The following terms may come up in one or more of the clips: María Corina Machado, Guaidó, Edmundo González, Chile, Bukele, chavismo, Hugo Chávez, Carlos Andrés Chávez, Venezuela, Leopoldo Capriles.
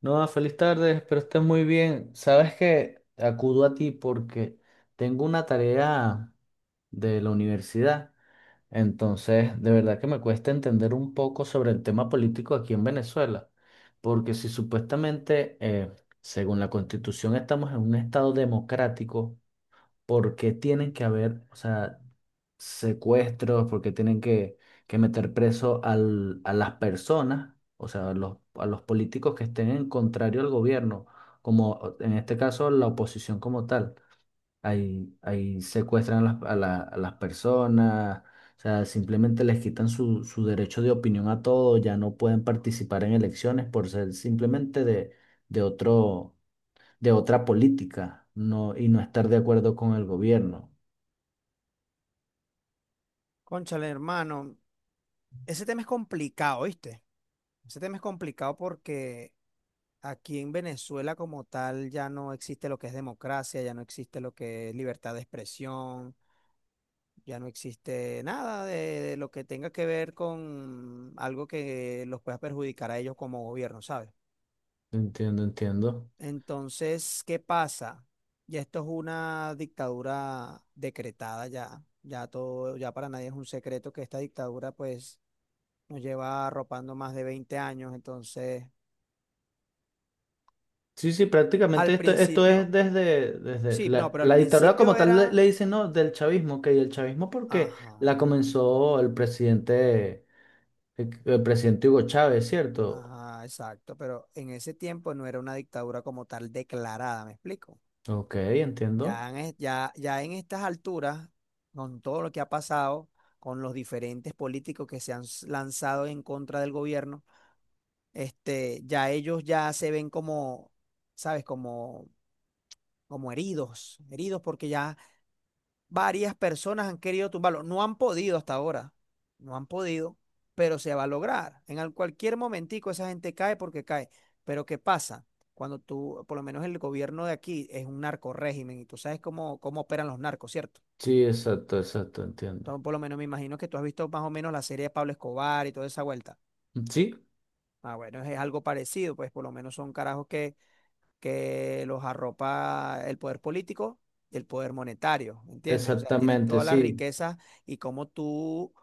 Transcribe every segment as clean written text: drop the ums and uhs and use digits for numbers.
No, feliz tarde, espero estés muy bien. Sabes que acudo a ti porque tengo una tarea de la universidad, entonces de verdad que me cuesta entender un poco sobre el tema político aquí en Venezuela, porque si supuestamente, según la Constitución, estamos en un estado democrático, por qué tienen que haber, o sea, secuestros, por qué que meter preso a las personas, o sea, a los políticos que estén en contrario al gobierno, como en este caso la oposición como tal. Ahí secuestran a a las personas, o sea, simplemente les quitan su derecho de opinión a todo, ya no pueden participar en elecciones por ser simplemente de otro, de otra política, no, y no estar de acuerdo con el gobierno. Cónchale, hermano, ese tema es complicado, ¿viste? Ese tema es complicado porque aquí en Venezuela como tal ya no existe lo que es democracia, ya no existe lo que es libertad de expresión, ya no existe nada de lo que tenga que ver con algo que los pueda perjudicar a ellos como gobierno, ¿sabes? Entiendo, entiendo. Entonces, ¿qué pasa? Ya esto es una dictadura decretada ya, ya todo, ya para nadie es un secreto que esta dictadura pues nos lleva arropando más de 20 años. Entonces, Sí, sí, prácticamente al esto principio, es desde sí, no, pero al la dictadura principio como tal le era, dicen, ¿no? Del chavismo, que y el chavismo porque ajá, la comenzó el presidente, el presidente Hugo Chávez, ¿cierto? ajá, exacto, pero en ese tiempo no era una dictadura como tal declarada, ¿me explico? Ok, entiendo. Ya en estas alturas, con todo lo que ha pasado, con los diferentes políticos que se han lanzado en contra del gobierno, ya ellos ya se ven como, ¿sabes? Como heridos, heridos porque ya varias personas han querido tumbarlo. No han podido hasta ahora. No han podido, pero se va a lograr. Cualquier momentico esa gente cae porque cae. Pero ¿qué pasa? Cuando tú, por lo menos el gobierno de aquí es un narco régimen y tú sabes cómo, cómo operan los narcos, ¿cierto? Sí, exacto, exacto, entiendo. Entonces, por lo menos me imagino que tú has visto más o menos la serie de Pablo Escobar y toda esa vuelta. Sí, Ah, bueno, es algo parecido, pues por lo menos son carajos que los arropa el poder político y el poder monetario, ¿me entiendes? O sea, tienen exactamente, todas las sí. riquezas y cómo tú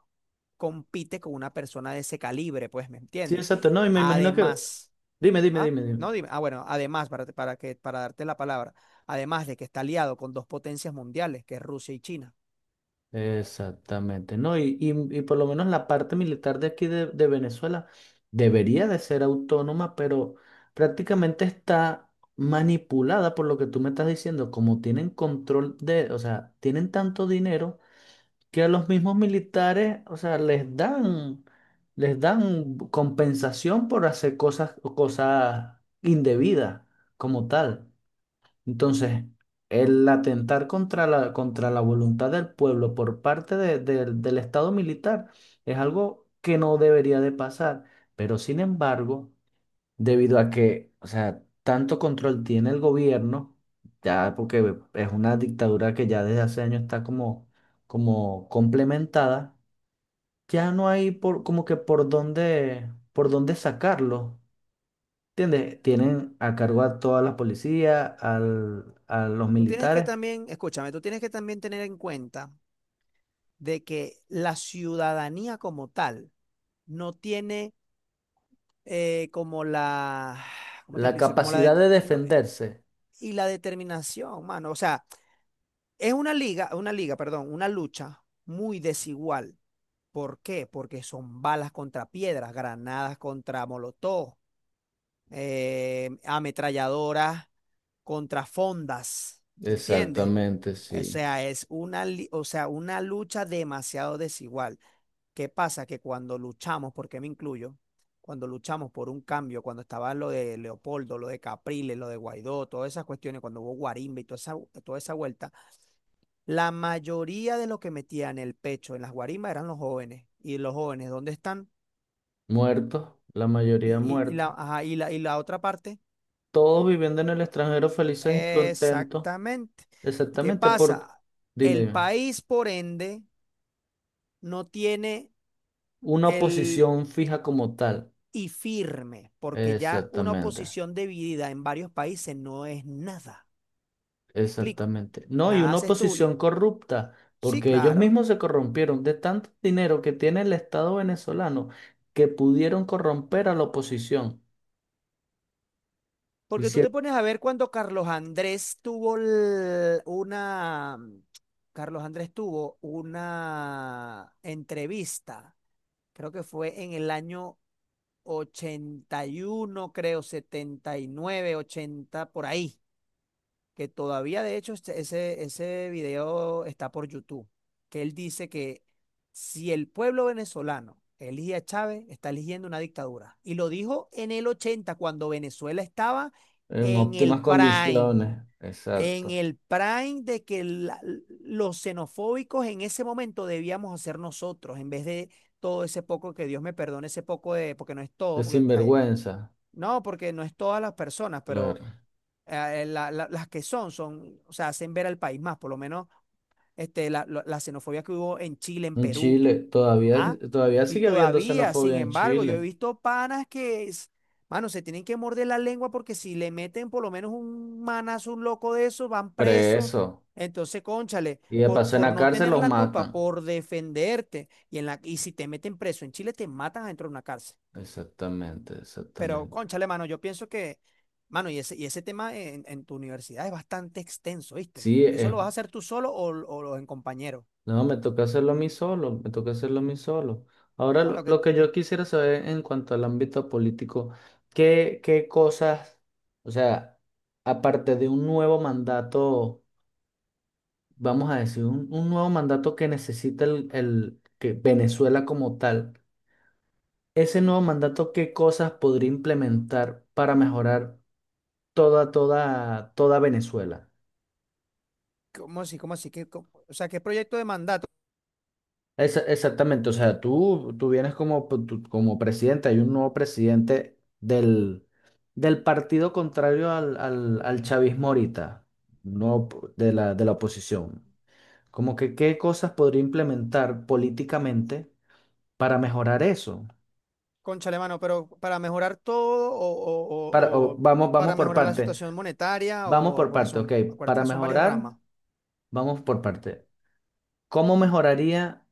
compites con una persona de ese calibre, pues, ¿me Sí, entiendes? exacto, no, y me imagino que... Además, Dime, dime, ¿ah? dime, dime. No, dime, ah, bueno, además, para darte la palabra, además de que está aliado con dos potencias mundiales, que es Rusia y China. Exactamente, ¿no? Y por lo menos la parte militar de aquí de Venezuela debería de ser autónoma, pero prácticamente está manipulada por lo que tú me estás diciendo, como tienen control de, o sea, tienen tanto dinero que a los mismos militares, o sea, les dan compensación por hacer cosas, cosas indebidas como tal. Entonces, el atentar contra contra la voluntad del pueblo por del Estado militar es algo que no debería de pasar. Pero sin embargo, debido a que, o sea, tanto control tiene el gobierno, ya porque es una dictadura que ya desde hace años está como, como complementada, ya no hay por, como que por dónde sacarlo. ¿Entiendes? Tienen a cargo a toda la policía, a los Tú tienes que militares. también, escúchame, tú tienes que también tener en cuenta de que la ciudadanía como tal no tiene como ¿cómo te La dice? Como la de- capacidad de no, defenderse. y la determinación, mano. O sea, es una liga, perdón, una lucha muy desigual. ¿Por qué? Porque son balas contra piedras, granadas contra molotov, ametralladoras contra fondas, ¿entiendes? Exactamente, O sí. sea, es o sea, una lucha demasiado desigual. ¿Qué pasa? Que cuando luchamos, porque me incluyo, cuando luchamos por un cambio, cuando estaba lo de Leopoldo, lo de Capriles, lo de Guaidó, todas esas cuestiones, cuando hubo guarimba y toda esa vuelta, la mayoría de los que metían el pecho en las guarimbas eran los jóvenes. ¿Y los jóvenes dónde están? Muertos, la mayoría muertos. Ajá, y la otra parte. Todos viviendo en el extranjero felices y contentos. Exactamente. ¿Qué Exactamente, porque, pasa? dime, El dime. país, por ende, no tiene Una el oposición fija como tal. y firme, porque ya una Exactamente, oposición dividida en varios países no es nada. Me explico. exactamente. No, y Nada una haces tú. oposición corrupta, Sí, porque ellos claro. mismos se corrompieron de tanto dinero que tiene el Estado venezolano que pudieron corromper a la oposición. Porque tú te Hicieron pones a ver cuando Carlos Andrés tuvo l- una, mm, Carlos Andrés tuvo una entrevista, creo que fue en el año 81 creo, 79 80 por ahí. Que todavía de hecho ese video está por YouTube, que él dice que si el pueblo venezolano elige a Chávez, está eligiendo una dictadura. Y lo dijo en el 80 cuando Venezuela estaba en en el óptimas prime, condiciones. en Exacto. el prime de que los xenofóbicos en ese momento debíamos hacer nosotros, en vez de todo ese poco, que Dios me perdone ese poco de, porque no es todo, Es porque sinvergüenza, no, porque no es todas las personas, pero claro. las que son, son, o sea, hacen ver al país más, por lo menos la xenofobia que hubo en Chile, en En Perú, Chile, todavía, ¿ah? todavía Y sigue habiendo todavía, sin xenofobia en embargo, yo he Chile. visto panas mano, se tienen que morder la lengua porque si le meten por lo menos un manazo, un loco de eso, van presos. Preso. Entonces, cónchale, Y de paso en por la no cárcel tener los la culpa, matan. por defenderte, y, en la, y si te meten preso en Chile, te matan adentro de una cárcel. Exactamente, Pero, exactamente. cónchale, mano, yo pienso que, mano, y ese tema en tu universidad es bastante extenso, ¿viste? Sí, ¿Eso es, lo vas a hacer tú solo o en compañero? no, me toca hacerlo a mí solo, me toca hacerlo a mí solo. Ahora, No, lo que yo quisiera saber en cuanto al ámbito político, ¿qué, qué cosas, o sea, aparte de un nuevo mandato, vamos a decir, un nuevo mandato que necesita que Venezuela como tal? Ese nuevo mandato, ¿qué cosas podría implementar para mejorar toda, toda, toda Venezuela? ¿cómo así? ¿Cómo así? O sea, ¿qué proyecto de mandato? Exactamente, o sea, tú vienes como, como presidente, hay un nuevo presidente del, del partido contrario al chavismo ahorita, no p- de de la oposición. Como que qué cosas podría implementar políticamente para mejorar eso. Cónchale, mano, pero para mejorar todo o, o- Para, o- o o vamos, para mejorar la situación monetaria vamos o por porque parte, ok, son, acuérdate para que son varios mejorar, ramas, vamos por parte. ¿Cómo mejoraría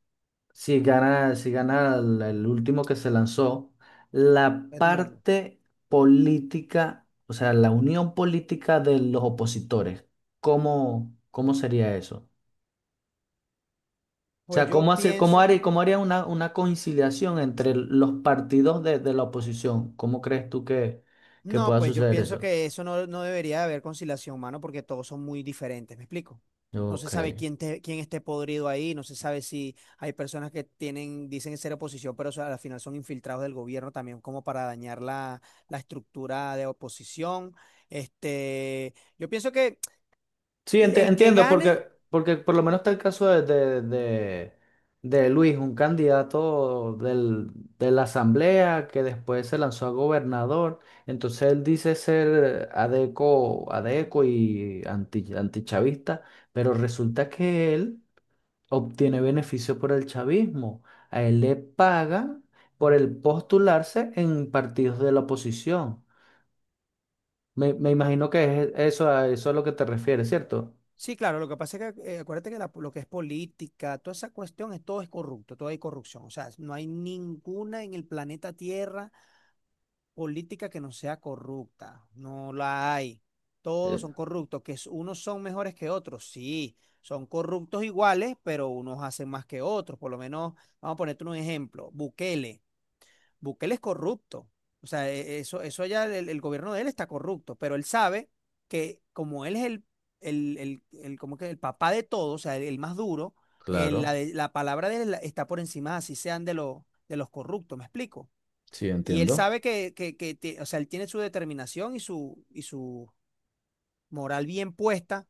si gana el último que se lanzó la Edmundo. parte política, o sea, la unión política de los opositores? ¿Cómo, cómo sería eso? O Pues sea, yo ¿cómo hace, pienso. Cómo haría una conciliación entre los partidos de la oposición? ¿Cómo crees tú que No, pueda pues yo suceder pienso eso? que eso no debería de haber conciliación, mano, porque todos son muy diferentes, ¿me explico? No se Ok. sabe quién esté podrido ahí, no se sabe si hay personas que tienen, dicen ser oposición, pero al final son infiltrados del gobierno también como para dañar la estructura de oposición. Yo pienso que Sí, el que entiendo, gane, porque, porque por lo menos está el caso de Luis, un candidato de la asamblea que después se lanzó a gobernador. Entonces él dice ser adeco, adeco y anti, antichavista, pero resulta que él obtiene beneficio por el chavismo. A él le pagan por el postularse en partidos de la oposición. Me imagino que es eso, a eso a lo que te refieres, ¿cierto? sí, claro, lo que pasa es que acuérdate que lo que es política, toda esa cuestión, es, todo es corrupto, todo hay corrupción, o sea, no hay ninguna en el planeta Tierra política que no sea corrupta. No la hay. Todos Eh, son corruptos, que es- unos son mejores que otros, sí, son corruptos iguales, pero unos hacen más que otros. Por lo menos, vamos a ponerte un ejemplo, Bukele. Bukele es corrupto. O sea, eso ya el gobierno de él está corrupto, pero él sabe que como él es como que el papá de todos, o sea, el más duro, eh, la, claro. de- la palabra de él está por encima, así sean de los corruptos, ¿me explico? Sí, Y él entiendo. sabe o sea, él tiene su determinación y y su moral bien puesta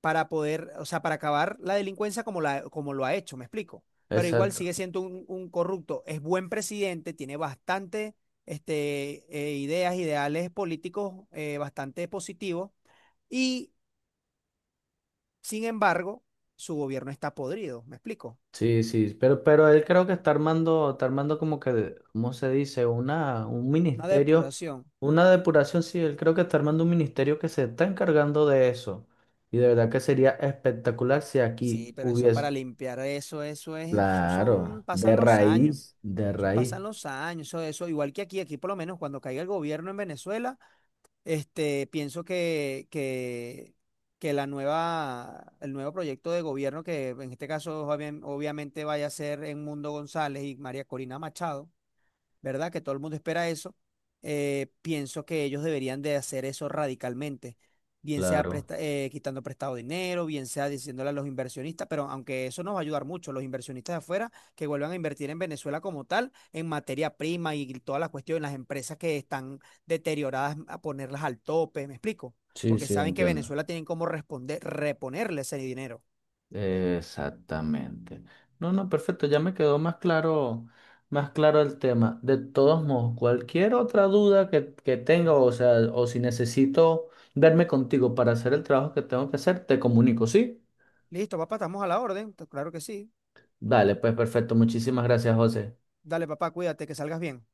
para poder, o sea, para acabar la delincuencia como, la, como lo ha hecho, ¿me explico? Pero igual Exacto. sigue siendo un corrupto, es buen presidente, tiene bastante este, ideas, ideales políticos bastante positivos y, sin embargo, su gobierno está podrido, ¿me explico? Sí, sí, pero él creo que está armando como que, ¿cómo se dice? Una, un Una ministerio, depuración. una depuración, sí, él creo que está armando un ministerio que se está encargando de eso. Y de verdad que sería espectacular si Sí, aquí pero eso para hubiese, limpiar eso, eso es, eso son, claro, pasan los años. De Eso raíz, pasan los años, eso, igual que aquí, aquí por lo menos cuando caiga el gobierno en Venezuela, pienso que la nueva, el nuevo proyecto de gobierno, que en este caso obviamente vaya a ser Edmundo González y María Corina Machado, ¿verdad? Que todo el mundo espera eso. Eh, pienso que ellos deberían de hacer eso radicalmente, bien sea claro. Quitando prestado dinero, bien sea diciéndole a los inversionistas, pero aunque eso nos va a ayudar mucho, los inversionistas de afuera que vuelvan a invertir en Venezuela como tal, en materia prima y todas las cuestiones, las empresas que están deterioradas, a ponerlas al tope, ¿me explico? Sí, Porque sí, saben que entiendo. Venezuela tienen cómo responder, reponerle ese dinero. Exactamente. No, no, perfecto, ya me quedó más claro el tema. De todos modos, cualquier otra duda que tenga, o sea, o si necesito verme contigo para hacer el trabajo que tengo que hacer, te comunico, ¿sí? Listo, papá, estamos a la orden. Claro que sí. Dale, pues perfecto, muchísimas gracias, José. Dale, papá, cuídate, que salgas bien.